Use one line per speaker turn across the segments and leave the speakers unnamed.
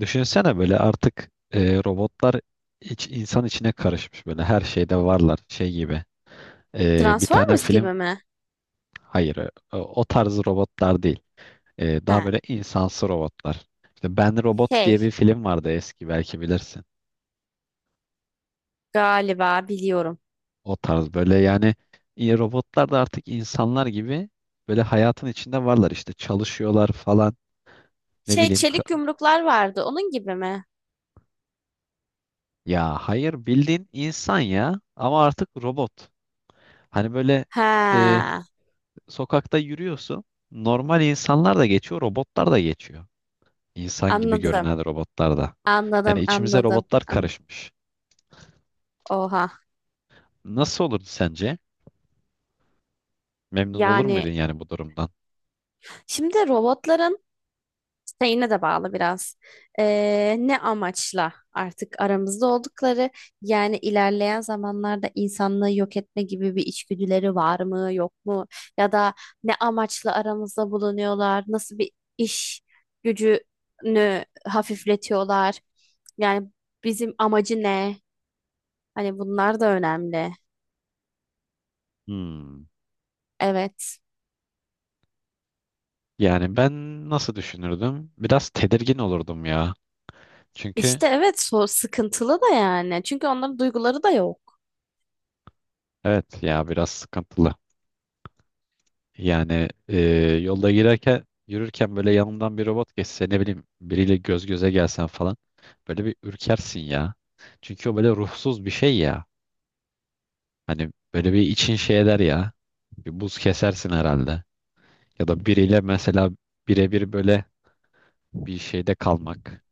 Düşünsene böyle artık robotlar insan içine karışmış böyle her şeyde varlar şey gibi. Bir tane
Transformers
film
gibi mi?
hayır o tarz robotlar değil. E, daha
Ha,
böyle insansı robotlar. İşte Ben Robot diye
şey
bir film vardı, eski, belki bilirsin.
galiba biliyorum.
O tarz böyle yani robotlar da artık insanlar gibi böyle hayatın içinde varlar, işte çalışıyorlar falan. Ne
Şey
bileyim.
çelik yumruklar vardı onun gibi mi?
Ya hayır, bildiğin insan ya, ama artık robot. Hani böyle
Ha,
sokakta yürüyorsun. Normal insanlar da geçiyor, robotlar da geçiyor. İnsan gibi
anladım.
görünen robotlar da. Yani
Anladım
içimize
anladım.
robotlar karışmış.
Oha.
Nasıl olurdu sence? Memnun olur
Yani
muydun yani bu durumdan?
şimdi robotların şeyine de bağlı biraz. Ne amaçla artık aramızda oldukları, yani ilerleyen zamanlarda insanlığı yok etme gibi bir içgüdüleri var mı yok mu, ya da ne amaçla aramızda bulunuyorlar, nasıl bir iş gücünü hafifletiyorlar, yani bizim amacı ne, hani bunlar da önemli.
Hmm.
Evet.
Yani ben nasıl düşünürdüm? Biraz tedirgin olurdum ya. Çünkü
İşte evet, sıkıntılı da yani. Çünkü onların duyguları da yok.
evet ya, biraz sıkıntılı. Yani yolda girerken, yürürken, böyle yanımdan bir robot geçse, ne bileyim, biriyle göz göze gelsen falan, böyle bir ürkersin ya. Çünkü o böyle ruhsuz bir şey ya. Hani böyle bir için şey eder ya. Bir buz kesersin herhalde. Ya da biriyle mesela birebir böyle bir şeyde kalmak.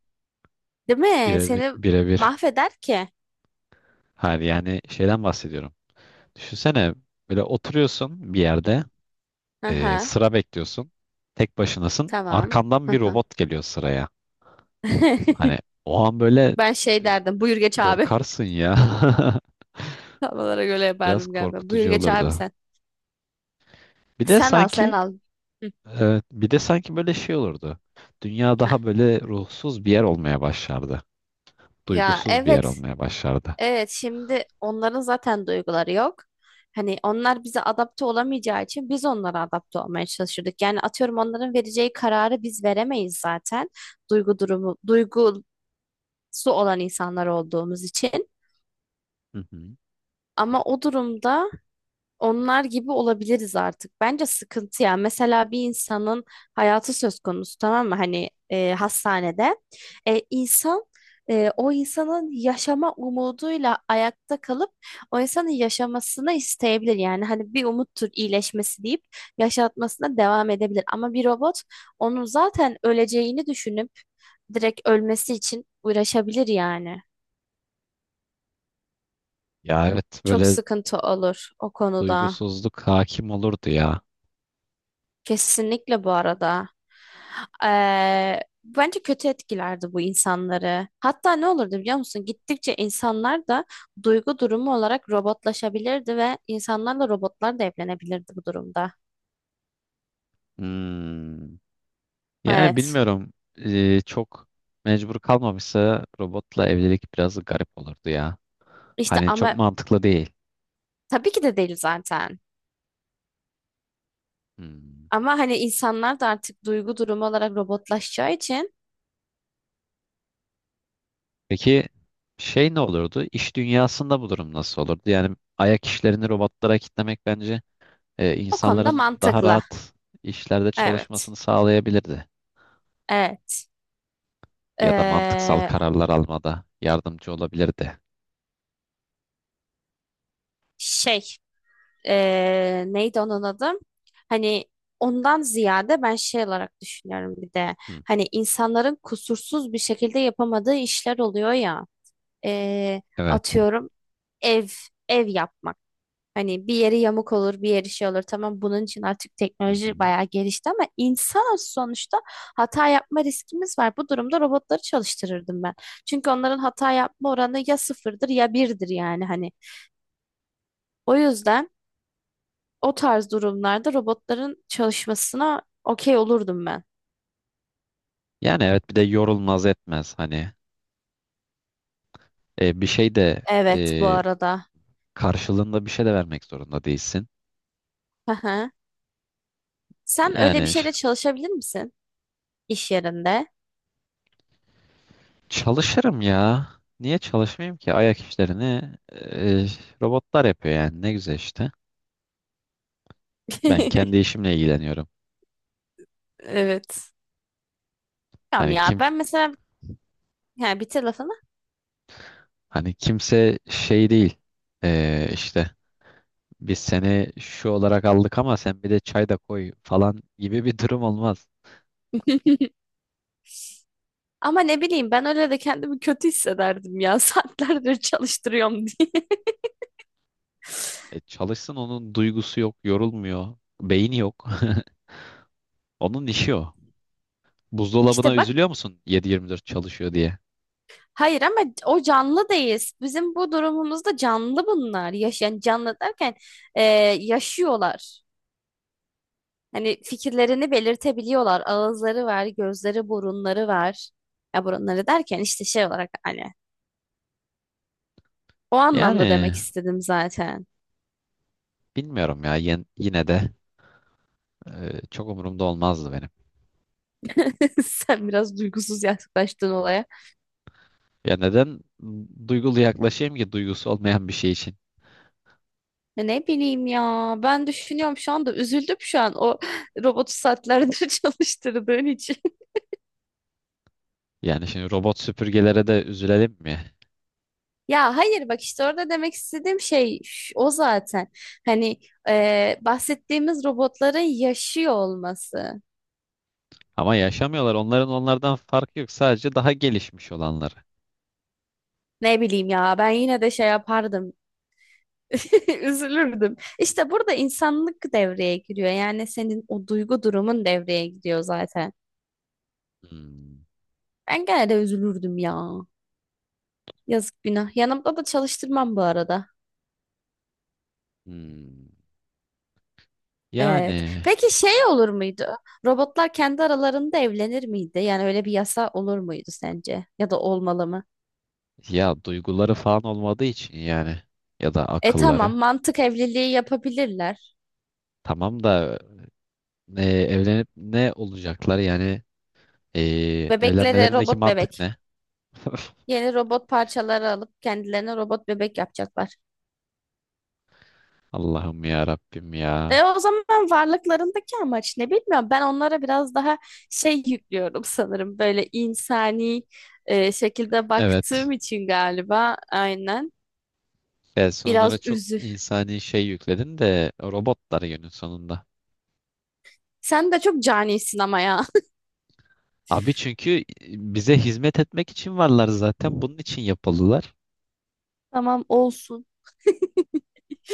Değil mi?
Birebir,
Seni
birebir.
mahveder ki.
Hayır, yani şeyden bahsediyorum. Düşünsene, böyle oturuyorsun bir yerde,
Aha,
sıra bekliyorsun. Tek başınasın.
tamam.
Arkandan bir
Aha.
robot geliyor sıraya. Hani o an böyle
Ben şey
e,
derdim: buyur geç abi.
korkarsın ya.
Havalara göre
Biraz
yapardım galiba. Buyur
korkutucu
geç abi
olurdu.
sen.
Bir de
Sen al sen
sanki
al. Hı.
böyle şey olurdu. Dünya
Heh.
daha böyle ruhsuz bir yer olmaya başlardı.
Ya
Duygusuz bir yer
evet,
olmaya başlardı.
evet şimdi onların zaten duyguları yok. Hani onlar bize adapte olamayacağı için biz onlara adapte olmaya çalışırdık. Yani atıyorum onların vereceği kararı biz veremeyiz zaten. Duygu durumu, duygusu olan insanlar olduğumuz için.
Hı hı.
Ama o durumda onlar gibi olabiliriz artık. Bence sıkıntı ya. Mesela bir insanın hayatı söz konusu, tamam mı? Hani hastanede. İnsan o insanın yaşama umuduyla ayakta kalıp o insanın yaşamasını isteyebilir. Yani hani bir umuttur iyileşmesi deyip yaşatmasına devam edebilir. Ama bir robot onun zaten öleceğini düşünüp direkt ölmesi için uğraşabilir yani.
Ya evet,
Çok
böyle
sıkıntı olur o konuda.
duygusuzluk hakim olurdu ya.
Kesinlikle bu arada. Bence kötü etkilerdi bu insanları. Hatta ne olurdu biliyor musun? Gittikçe insanlar da duygu durumu olarak robotlaşabilirdi ve insanlarla robotlar da evlenebilirdi bu durumda.
Hmm. Yani
Evet.
bilmiyorum. Çok mecbur kalmamışsa robotla evlilik biraz garip olurdu ya.
İşte
Hani çok
ama
mantıklı değil.
tabii ki de değil zaten.
Hmm.
Ama hani insanlar da artık duygu durumu olarak robotlaşacağı için
Peki şey ne olurdu? İş dünyasında bu durum nasıl olurdu? Yani ayak işlerini robotlara kitlemek bence
o konuda
insanların daha
mantıklı.
rahat işlerde
Evet.
çalışmasını sağlayabilirdi.
Evet.
Ya da mantıksal
Eee,
kararlar almada yardımcı olabilirdi.
Şey, neydi onun adı? Hani ondan ziyade ben şey olarak düşünüyorum bir de.
Hı.
Hani insanların kusursuz bir şekilde yapamadığı işler oluyor ya. E,
Evet.
Atıyorum ev ev yapmak. Hani bir yeri yamuk olur, bir yeri şey olur. Tamam, bunun için artık
Hı
teknoloji
hı.
bayağı gelişti ama insanız sonuçta, hata yapma riskimiz var. Bu durumda robotları çalıştırırdım ben. Çünkü onların hata yapma oranı ya sıfırdır ya birdir yani hani. O yüzden o tarz durumlarda robotların çalışmasına okey olurdum ben.
Yani evet, bir de yorulmaz etmez, hani e, bir şey de
Evet bu
e,
arada.
karşılığında bir şey de vermek zorunda değilsin.
Hı hı. Sen öyle bir
Yani ş-
şeyle çalışabilir misin iş yerinde?
Çalışırım ya. Niye çalışmayayım ki? Ayak işlerini e, robotlar yapıyor, yani ne güzel işte. Ben kendi işimle ilgileniyorum.
Evet. Tamam
Hani
ya
kim
ben mesela yani bitir lafını.
hani kimse şey değil. E, işte biz seni şu olarak aldık ama sen bir de çay da koy falan gibi bir durum olmaz.
Ama ne bileyim, ben öyle de kendimi kötü hissederdim ya, saatlerdir çalıştırıyorum diye.
E, çalışsın, onun duygusu yok, yorulmuyor, beyni yok. Onun işi o. Buzdolabına
İşte bak,
üzülüyor musun 7-24 çalışıyor diye?
hayır ama o canlı değil. Bizim bu durumumuzda canlı bunlar. Yaş, yani canlı derken e, yaşıyorlar. Hani fikirlerini belirtebiliyorlar. Ağızları var, gözleri, burunları var. Ya burunları derken işte şey olarak hani o anlamda
Yani
demek istedim zaten.
bilmiyorum ya, yine de çok umurumda olmazdı benim.
Sen biraz duygusuz yaklaştın olaya.
Ya neden duygulu yaklaşayım ki duygusu olmayan bir şey için?
Ya ne bileyim ya. Ben düşünüyorum şu anda, üzüldüm şu an o robotu saatlerdir çalıştırdığın için.
Yani şimdi robot süpürgelere de üzülelim mi?
Ya hayır bak, işte orada demek istediğim şey o zaten. Hani bahsettiğimiz robotların yaşıyor olması.
Ama yaşamıyorlar. Onların onlardan farkı yok. Sadece daha gelişmiş olanları.
Ne bileyim ya, ben yine de şey yapardım. Üzülürdüm. İşte burada insanlık devreye giriyor. Yani senin o duygu durumun devreye giriyor zaten.
Hmm,
Ben gene de üzülürdüm ya. Yazık günah. Yanımda da çalıştırmam bu arada.
hmm.
Evet.
Yani
Peki şey olur muydu? Robotlar kendi aralarında evlenir miydi? Yani öyle bir yasa olur muydu sence? Ya da olmalı mı?
ya duyguları falan olmadığı için yani, ya da
E tamam,
akılları.
mantık evliliği yapabilirler.
Tamam da evlenip ne olacaklar yani?
Bebeklere
Evlenmelerindeki
robot
mantık
bebek.
ne?
Yeni robot parçaları alıp kendilerine robot bebek yapacaklar.
Allah'ım ya Rabbim ya.
E o zaman varlıklarındaki amaç ne bilmiyorum. Ben onlara biraz daha şey yüklüyorum sanırım. Böyle insani şekilde
Evet.
baktığım için galiba, aynen.
Personlara
Biraz
çok
üzü.
insani şey yükledin de, robotlar günün sonunda.
Sen de çok canisin ama ya.
Abi, çünkü bize hizmet etmek için varlar zaten. Bunun için yapıldılar.
Tamam olsun.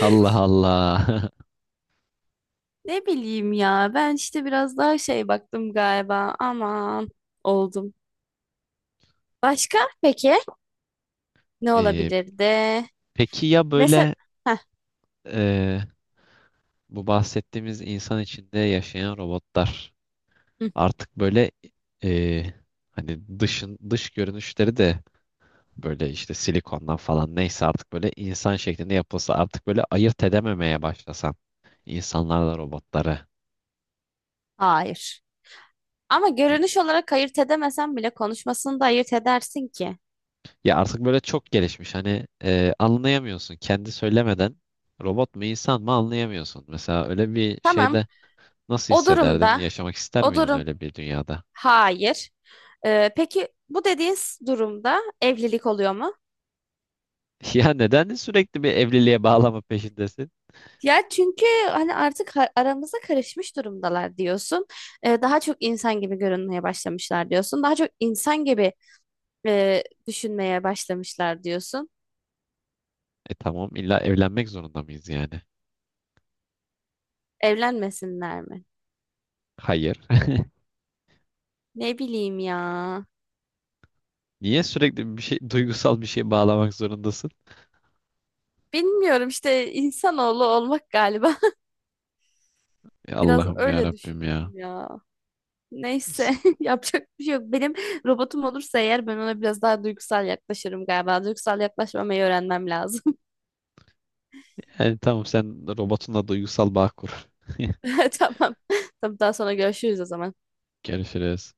Allah Allah.
Ne bileyim ya. Ben işte biraz daha şey baktım galiba. Aman oldum. Başka peki ne
Ee,
olabilirdi?
peki ya
Mesela
böyle e, bu bahsettiğimiz insan içinde yaşayan robotlar
hı,
artık böyle, e, hani dış görünüşleri de böyle işte silikondan falan, neyse, artık böyle insan şeklinde yapılsa, artık böyle ayırt edememeye başlasan insanlarla robotları.
hayır. Ama görünüş olarak ayırt edemesen bile konuşmasını da ayırt edersin ki.
Ya artık böyle çok gelişmiş, hani anlayamıyorsun, kendi söylemeden robot mu insan mı anlayamıyorsun. Mesela öyle bir
Tamam.
şeyde nasıl
O
hissederdin?
durumda,
Yaşamak ister
o
miydin
durum,
öyle bir dünyada?
hayır. Peki bu dediğin durumda evlilik oluyor mu?
Ya neden sürekli bir evliliğe bağlama peşindesin?
Ya çünkü hani artık aramıza karışmış durumdalar diyorsun. Daha çok insan gibi görünmeye başlamışlar diyorsun. Daha çok insan gibi düşünmeye başlamışlar diyorsun.
E tamam, illa evlenmek zorunda mıyız yani?
Evlenmesinler mi?
Hayır.
Ne bileyim ya.
Niye sürekli bir şey, duygusal bir şeye bağlamak zorundasın?
Bilmiyorum işte, insanoğlu olmak galiba.
Ya
Biraz
Allah'ım ya
öyle
Rabbim ya.
düşündüm ya. Neyse,
S-
yapacak bir şey yok. Benim robotum olursa eğer ben ona biraz daha duygusal yaklaşırım galiba. Duygusal yaklaşmamayı öğrenmem lazım.
Yani tamam, sen robotunla duygusal bağ kur.
Tamam. Tamam, daha sonra görüşürüz o zaman.
Görüşürüz.